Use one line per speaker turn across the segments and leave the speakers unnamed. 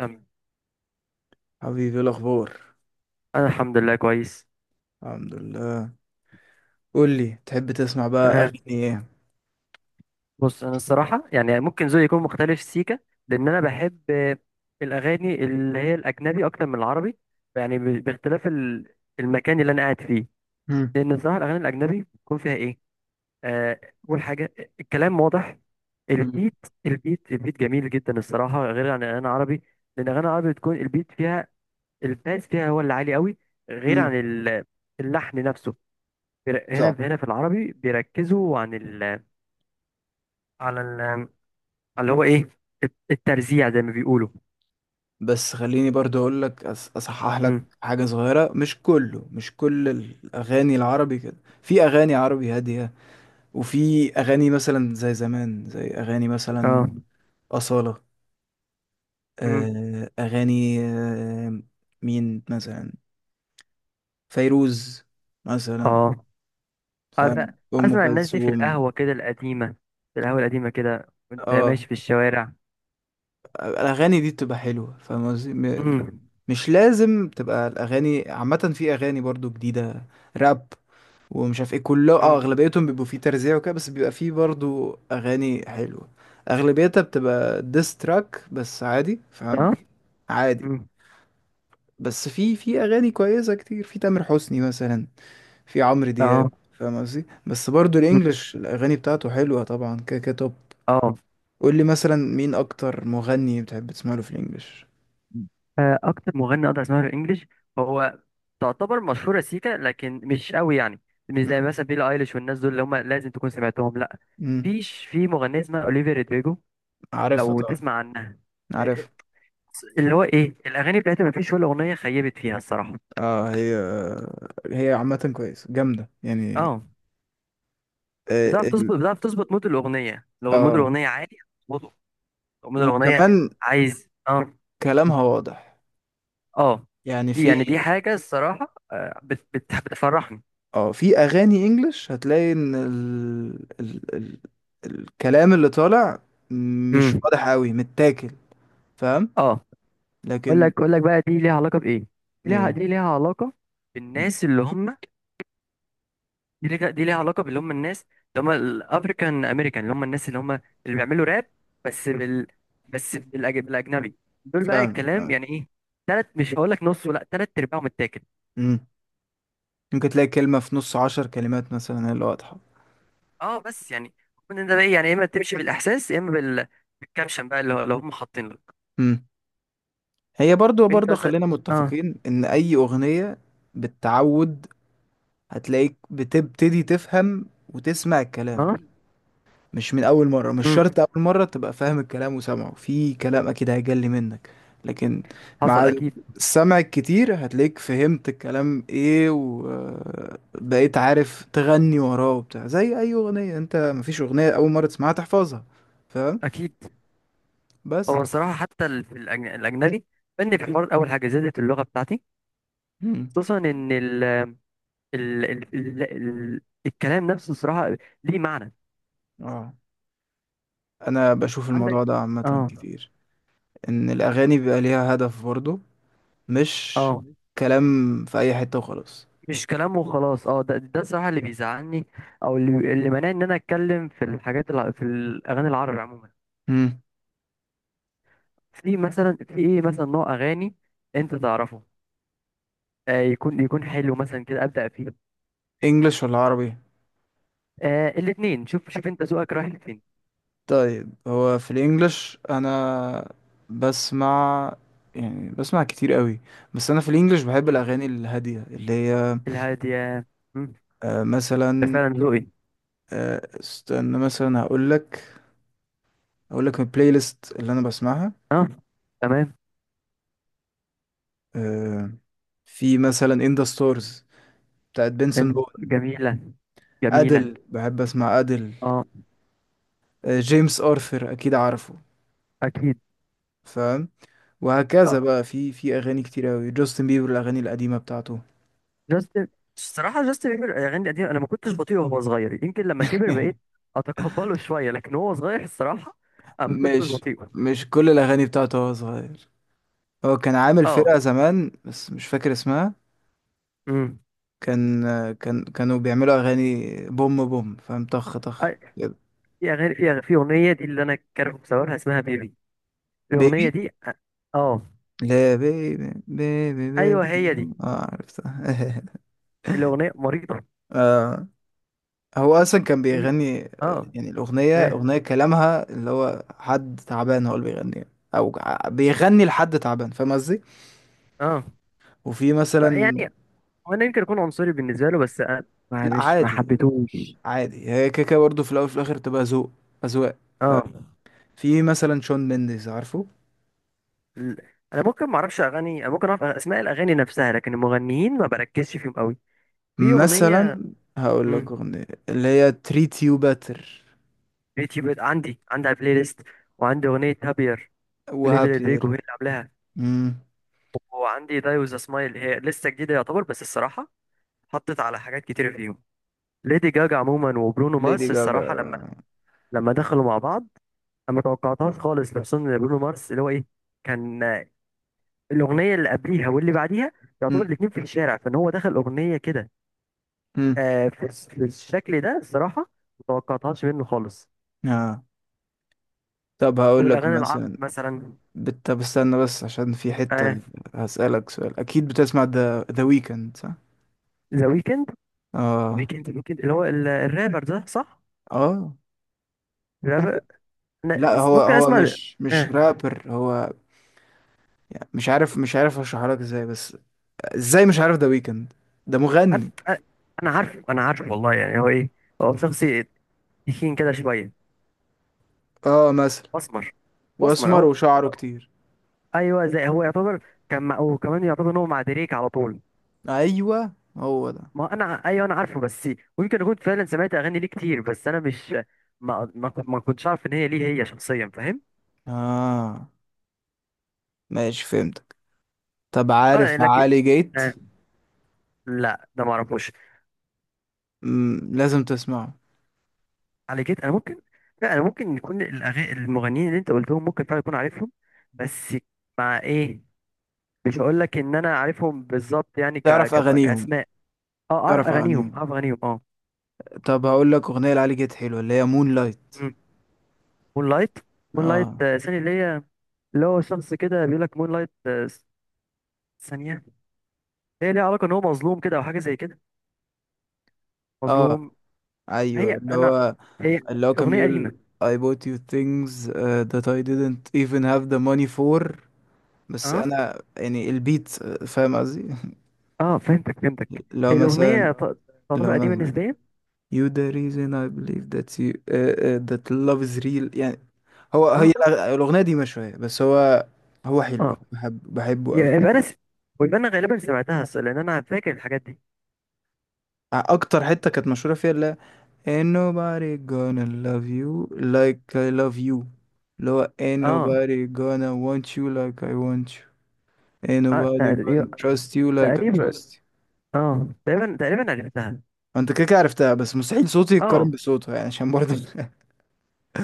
أم-
حبيبي، إيه الاخبار؟
انا الحمد لله كويس.
الحمد لله. قول لي تحب تسمع بقى
تمام.
اغاني ايه؟
بص، انا الصراحه يعني ممكن ذوقي يكون مختلف، سيكا. لان انا بحب الاغاني اللي هي الاجنبي اكتر من العربي، يعني باختلاف المكان اللي انا قاعد فيه.
مم.
لان الصراحه الاغاني الاجنبي بيكون فيها ايه، آه، اول حاجه الكلام واضح.
مم.
البيت. البيت جميل جدا الصراحه، غير عن الاغاني العربي. لان الاغاني العربي بتكون البيت فيها، الباس فيها هو اللي عالي قوي، غير
مم.
عن اللحن نفسه.
صح.
هنا في العربي بيركزوا عن ال، على ال، على اللي هو ايه، الترزيع زي ما بيقولوا.
بس خليني برضو اقول لك، اصحح لك
امم
حاجه صغيره. مش كل الاغاني العربي كده. في اغاني عربي هاديه، وفي اغاني مثلا زي زمان، زي اغاني
اه.
مثلا اصاله،
امم
آه، اغاني آه، مين مثلا؟ فيروز مثلا،
اه. أف-
فاهم؟ ام
اسمع الناس دي في
كلثوم.
القهوة كده القديمة، في القهوة القديمة كده وانت
اه،
ماشي في الشوارع.
الاغاني دي بتبقى حلوه، فاهم قصدي؟
امم
مش لازم تبقى الاغاني عامه، في اغاني برضو جديده، راب، ومش عارف ايه، كله اه
امم
اغلبيتهم بيبقوا فيه ترزيع وكده، بس بيبقى فيه برضو اغاني حلوه. اغلبيتها بتبقى ديس تراك، بس عادي، فاهم؟
اه.
عادي.
امم
بس في اغاني كويسه كتير، في تامر حسني مثلا، في عمرو دياب،
اه.
فاهم قصدي؟ بس برضو
مم.
الانجليش الاغاني بتاعته حلوه طبعا، كده كده توب.
اه.
قول لي مثلا مين اكتر مغني بتحب تسمع له في الانجليش؟
اكتر مغني اقدر اسمعه الانجليش هو تعتبر مشهورة سيكا لكن مش قوي يعني، مش زي مثلا بيلي ايليش والناس دول اللي هم لازم تكون سمعتهم، لا.
مم.
فيش في مغنية اسمها اوليفيا رودريجو،
عارفها
لو
طبعا.
تسمع عنها،
عارف.
اللي هو ايه الاغاني بتاعتها ما فيش ولا اغنيه خيبت فيها الصراحه.
اه، هي، هي عامة كويس، جامدة يعني.
اه.
اه
بتعرف تظبط بتعرف تظبط مود الاغنيه، لو مود
آه.
الاغنيه عالي هتظبطه، لو مود الاغنيه
وكمان
عايز اه،
كلامها واضح،
اه،
يعني
دي
في.
يعني دي حاجه الصراحه، بت بتفرحني.
اه، في اغاني انجلش هتلاقي ان الكلام اللي طالع مش
امم
واضح قوي، متاكل، فاهم؟
اه. اقول
لكن
لك اقول لك بقى، دي ليها علاقه بايه، دي ليها
ايه.
دي ليها علاقه
م.
بالناس اللي هم، دي ليها علاقة باللي هم الناس، اللي هم الافريكان امريكان، اللي هم الناس اللي هم اللي بيعملوا راب، بس بال بس بالاجنبي. دول بقى
فاهم
الكلام
آه.
يعني ايه، تلات، مش هقول لك نص ولا تلات ارباعهم متاكل.
م. ممكن تلاقي كلمة في نص 10 كلمات مثلا هي اللي واضحة.
اه بس يعني ممكن انت بقى إيه، يعني يا اما تمشي بالاحساس يا اما بالكابشن بقى، اللي هم حاطين لك.
م. هي برضو،
انت
برضو،
مثلا.
خلينا
اه.
متفقين ان اي اغنية بالتعود هتلاقيك بتبتدي تفهم وتسمع الكلام،
اه.
مش من اول مرة. مش
امم
شرط اول مرة تبقى فاهم الكلام وسامعه، في كلام اكيد هيجلي منك. لكن
حصل
مع
اكيد.
السمع الكتير هتلاقيك فهمت الكلام ايه، وبقيت عارف تغني وراه وبتاع، زي اي اغنية، انت مفيش اغنية اول مرة تسمعها تحفظها، فاهم؟
اكيد.
بس.
هو الصراحة حتى في الاجنبي، فني في الحوار، اول حاجة زادت اللغة بتاعتي،
مم.
خصوصا ال ال ال ال الكلام نفسه صراحة ليه معنى.
اه. انا بشوف
عندك.
الموضوع ده عامة
اه.
كتير، ان الاغاني بيبقى ليها هدف برضه، مش
اه.
كلام في اي حتة وخلاص.
مش كلام وخلاص. اه، ده صراحة اللي بيزعلني، او اللي مانعني ان انا اتكلم في في الاغاني العربي عموما.
امم.
في مثلا، في ايه مثلا، نوع اغاني انت تعرفه، آه، يكون حلو مثلا كده، ابدا فيه.
انجلش ولا عربي؟
آه، الاتنين. شوف، شوف انت ذوقك رايح لفين.
طيب، هو في الانجليش انا بسمع، يعني بسمع كتير قوي. بس انا في الانجليش بحب
مم.
الاغاني الهاديه، اللي هي
الهادية. مم.
آه
ده
مثلا،
فعلا ذوقي.
آه استنى مثلا، هقول لك، هقول لك البلاي ليست اللي انا بسمعها.
اه. تمام.
آه، في مثلا ان ذا ستارز بتاعت بنسون
انت.
بون،
جميلة. جميلة.
ادل، بحب اسمع ادل،
اه.
آه جيمس ارثر اكيد عارفه،
اكيد.
فاهم؟ وهكذا
آه.
بقى، في اغاني كتير قوي، جاستن بيبر الاغاني القديمه بتاعته.
جاستن، الصراحة جاستن بيبر الأغاني القديمة أنا ما كنتش بطيء وهو صغير. يمكن لما كبر بقيت أتقبله شوية، لكن وهو صغير الصراحة أنا ما كنتش
مش
بطيء.
مش كل الأغاني بتاعته وهو صغير. هو كان عامل
أه.
فرقة زمان بس مش فاكر اسمها.
أمم
كان كانوا بيعملوا أغاني بوم بوم، فاهم؟ طخ طخ
أي-
كده.
في أغنية دي اللي أنا كارهه بسببها اسمها بيبي. الأغنية
بيبي.
دي أه.
لا، بيبي بيبي بيبي
أيوه هي دي.
بوم. اه، عرفتها.
الأغنية مريضة.
آه، هو أصلا كان
في.
بيغني آه،
أه.
يعني الأغنية،
إيه.
أغنية كلامها اللي هو حد تعبان هو اللي بيغنيها، أو بيغني لحد تعبان، فاهم قصدي؟
أه.
وفي
بقى
مثلا،
يعني هو أنا يمكن أكون عنصري بالنسبة له، بس أنا ما
لا
مش ما
عادي،
حبيتهوش.
عادي، هي كيكه برضه، في الاول وفي الاخر تبقى ذوق، اذواق.
أه.
ففي مثلا شون مينديز، عارفه؟
ال- أنا ممكن ما أعرفش أغاني، أنا ممكن أعرف أسماء الأغاني نفسها لكن المغنيين ما بركزش فيهم أوي. في أغنية.
مثلا هقول لك
امم
اغنيه، اللي هي تريت يو باتر،
يوتيوب، عندي على البلاي ليست، وعندي أغنية هابير، ليفي رودريجو
وهابير.
هي اللي عاملاها.
امم.
وعندي داي وذ سمايل، هي لسه جديدة يعتبر، بس الصراحة حطت على حاجات كتير فيهم ليدي جاجا عموما وبرونو
ليدي
مارس. الصراحة لما
جاجا.
لما دخلوا مع بعض أنا ما توقعتهاش خالص، خصوصا إن برونو مارس اللي هو إيه، كان آه، الأغنية اللي قبليها واللي بعديها يعتبر
امم.
الاتنين في الشارع، فإن هو دخل أغنية كده،
امم.
في الشكل ده الصراحة ما توقعتهاش منه خالص.
آه. طب هقول لك
والأغاني العربي
مثلا،
مثلا.
طب استنى بس، عشان في
آه.
حته هسألك سؤال. اكيد بتسمع ذا ويكند، صح؟
ذا ويكند.
اه.
ويكند اللي هو الرابر ده، صح؟
اه.
الرابر.
لا، هو
ممكن
هو
اسمع.
مش
آه،
رابر، هو يعني مش عارف، اشرحها لك ازاي، بس ازاي مش عارف، ده ويكند، ده
انا.
مغني.
أنا- أنا عارفه انا عارفه والله، يعني هو ايه، هو شخصي تخين كده شويه.
اه، مثلا،
اسمر. اسمر
واسمر
اهو.
وشعره كتير.
ايوه، زي هو يعتبر وكمان يعتبر ان هو مع دريك على طول.
ايوه، هو ده.
ما انا ع- ايوه انا عارفه، بس ويمكن اكون فعلا سمعت اغاني ليه كتير، بس انا مش، ما كنتش عارف ان هي ليه، هي شخصيا فاهم؟
اه، ماشي، فهمتك. طب عارف
اه لكن.
علي جيت؟
آه. لا ده ما اعرفوش.
مم، لازم تسمعه.
على كده انا ممكن. لا انا ممكن يكون الأغاني، المغنيين اللي انت قلتهم ممكن فعلا يكون عارفهم، بس مع ايه، مش هقول لك ان انا عارفهم بالظبط يعني
تعرف اغانيهم؟
كاسماء. اه، اعرف
تعرف
اغانيهم
اغانيهم.
اعرف اغانيهم اه.
طب هقول لك اغنيه لعلي جيت حلوه، اللي هي مون لايت.
مم. مون لايت. مون لايت،
اه.
ثانيه، اللي هي، اللي هو شخص كده بيقول لك مون لايت، ثانيه، هي ليها علاقه ان هو مظلوم كده او حاجه زي كده.
اه،
مظلوم.
ايوه،
هي
اللي
انا.
هو،
هي.
اللي هو كان
اغنيه
بيقول
قديمه.
I bought you things that I didn't even have the money for. بس
اه.
انا يعني البيت آه، فاهم قصدي؟
اه فهمتك.
لو
هي
مثلا،
الاغنيه
لو
تعتبر قديمه
مثلا
نسبيا.
You the reason I believe that you that love is real. يعني هو،
اه.
الأغنية دي مشوية، بس هو، هو حلو، أنا
اه
بحبه قوي.
يبقى ويبقى انا غالبا سمعتها، اصل لان انا فاكر الحاجات دي.
أكتر حتة كانت مشهورة فيها، اللي هي Ain't nobody gonna love you like I love you، اللي هو Ain't
اه.
nobody gonna want you like I want you، Ain't
اه
nobody
تقريبا.
gonna trust you like I
تقريبا.
trust you.
اه، تقريبا عرفتها.
أنت كده كده عرفتها. بس مستحيل صوتي يتقارن
اه.
بصوتها يعني، عشان برضه.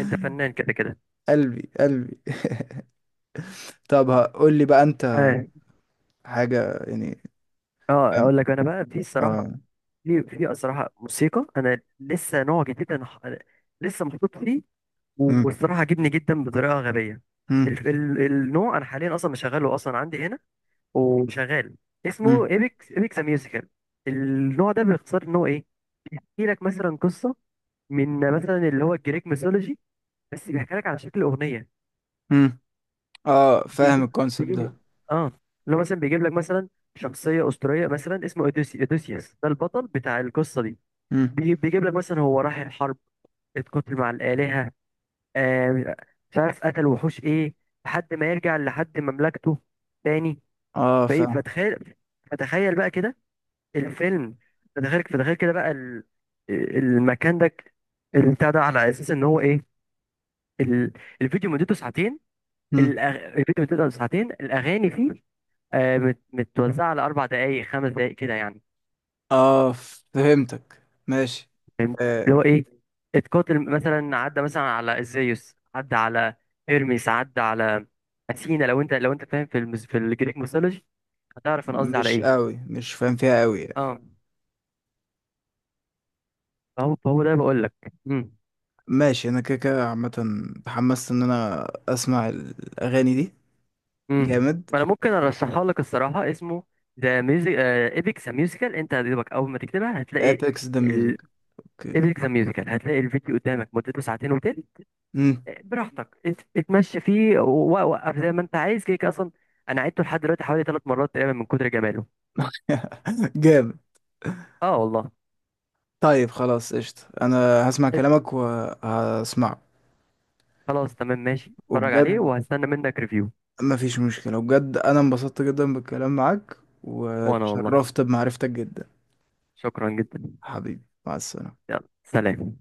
انت فنان كده كده.
قلبي، قلبي. طب قول لي بقى أنت،
اه.
حاجة يعني.
اه اقول لك انا بقى في
اه.
الصراحه، في الصراحه موسيقى انا لسه نوع جديد، أنا لسه محطوط فيه،
مم.
والصراحه عجبني جدا بطريقه غبيه.
مم.
النوع انا حاليا اصلا مشغله اصلا عندي هنا وشغال، اسمه
مم.
ايبكس ميوزيكال. النوع ده باختصار ان هو ايه، بيحكي لك مثلا قصه، من مثلا اللي هو الجريك ميثولوجي، بس بيحكي لك على شكل اغنيه.
مم. اه، فاهم الكونسبت
بيجيب لك.
ده.
اه. اللي هو مثلا بيجيب لك مثلا شخصيه اسطوريه، مثلا اسمه اوديسي، اوديسيوس ده البطل بتاع القصه دي.
مم.
بيجيب لك مثلا هو راح الحرب، اتقتل مع الالهه، آه، مش عارف قتل وحوش ايه، لحد ما يرجع لحد مملكته تاني.
اه
فايه
فاهم.
فتخيل، فتخيل بقى كده الفيلم، فتخيل كده بقى المكان ده، البتاع ده، على اساس ان هو ايه، ال- الفيديو مدته ساعتين.
مم.
الفيديو بتبدأ ساعتين، الأغاني فيه آه، متوزعة على 4 دقايق، 5 دقايق كده يعني.
اه فهمتك، ماشي.
فهمت.
آه.
اللي هو إيه، اتقاتل مثلا، عدى مثلا على إزيوس، عدى على إرميس، عدى على أثينا. لو أنت فاهم في في الجريك ميثولوجي هتعرف أنا قصدي على
مش
إيه.
قوي، مش فاهم فيها قوي يعني.
أه. فهو ده بقول لك. امم
ماشي، انا كده كده عامة اتحمست ان انا اسمع الاغاني دي،
امم
جامد.
فأنا ممكن أرشحها لك الصراحة، اسمه ذا ميوزك ايبكس ميوزيكال، أنت هتدوبك أول ما تكتبها هتلاقي
ابيكس ذا
ال...
ميوزك. اوكي.
ايبكس ميوزيكال، هتلاقي الفيديو قدامك مدته ساعتين وتلت.
مم.
براحتك، انت اتمشى فيه ووقف زي ما انت عايز، كده كده اصلا انا عدته لحد دلوقتي حوالي 3 مرات تقريبا من كتر جماله.
جامد.
اه والله.
طيب، خلاص، قشطة، انا هسمع
ات-
كلامك وهسمعه.
خلاص تمام ماشي، اتفرج عليه
وبجد،
وهستنى منك ريفيو.
مفيش مشكلة، بجد أنا انبسطت جدا بالكلام معاك،
وانا والله
واتشرفت بمعرفتك جدا.
شكرا جدا.
حبيبي، مع السلامة.
يلا سلام.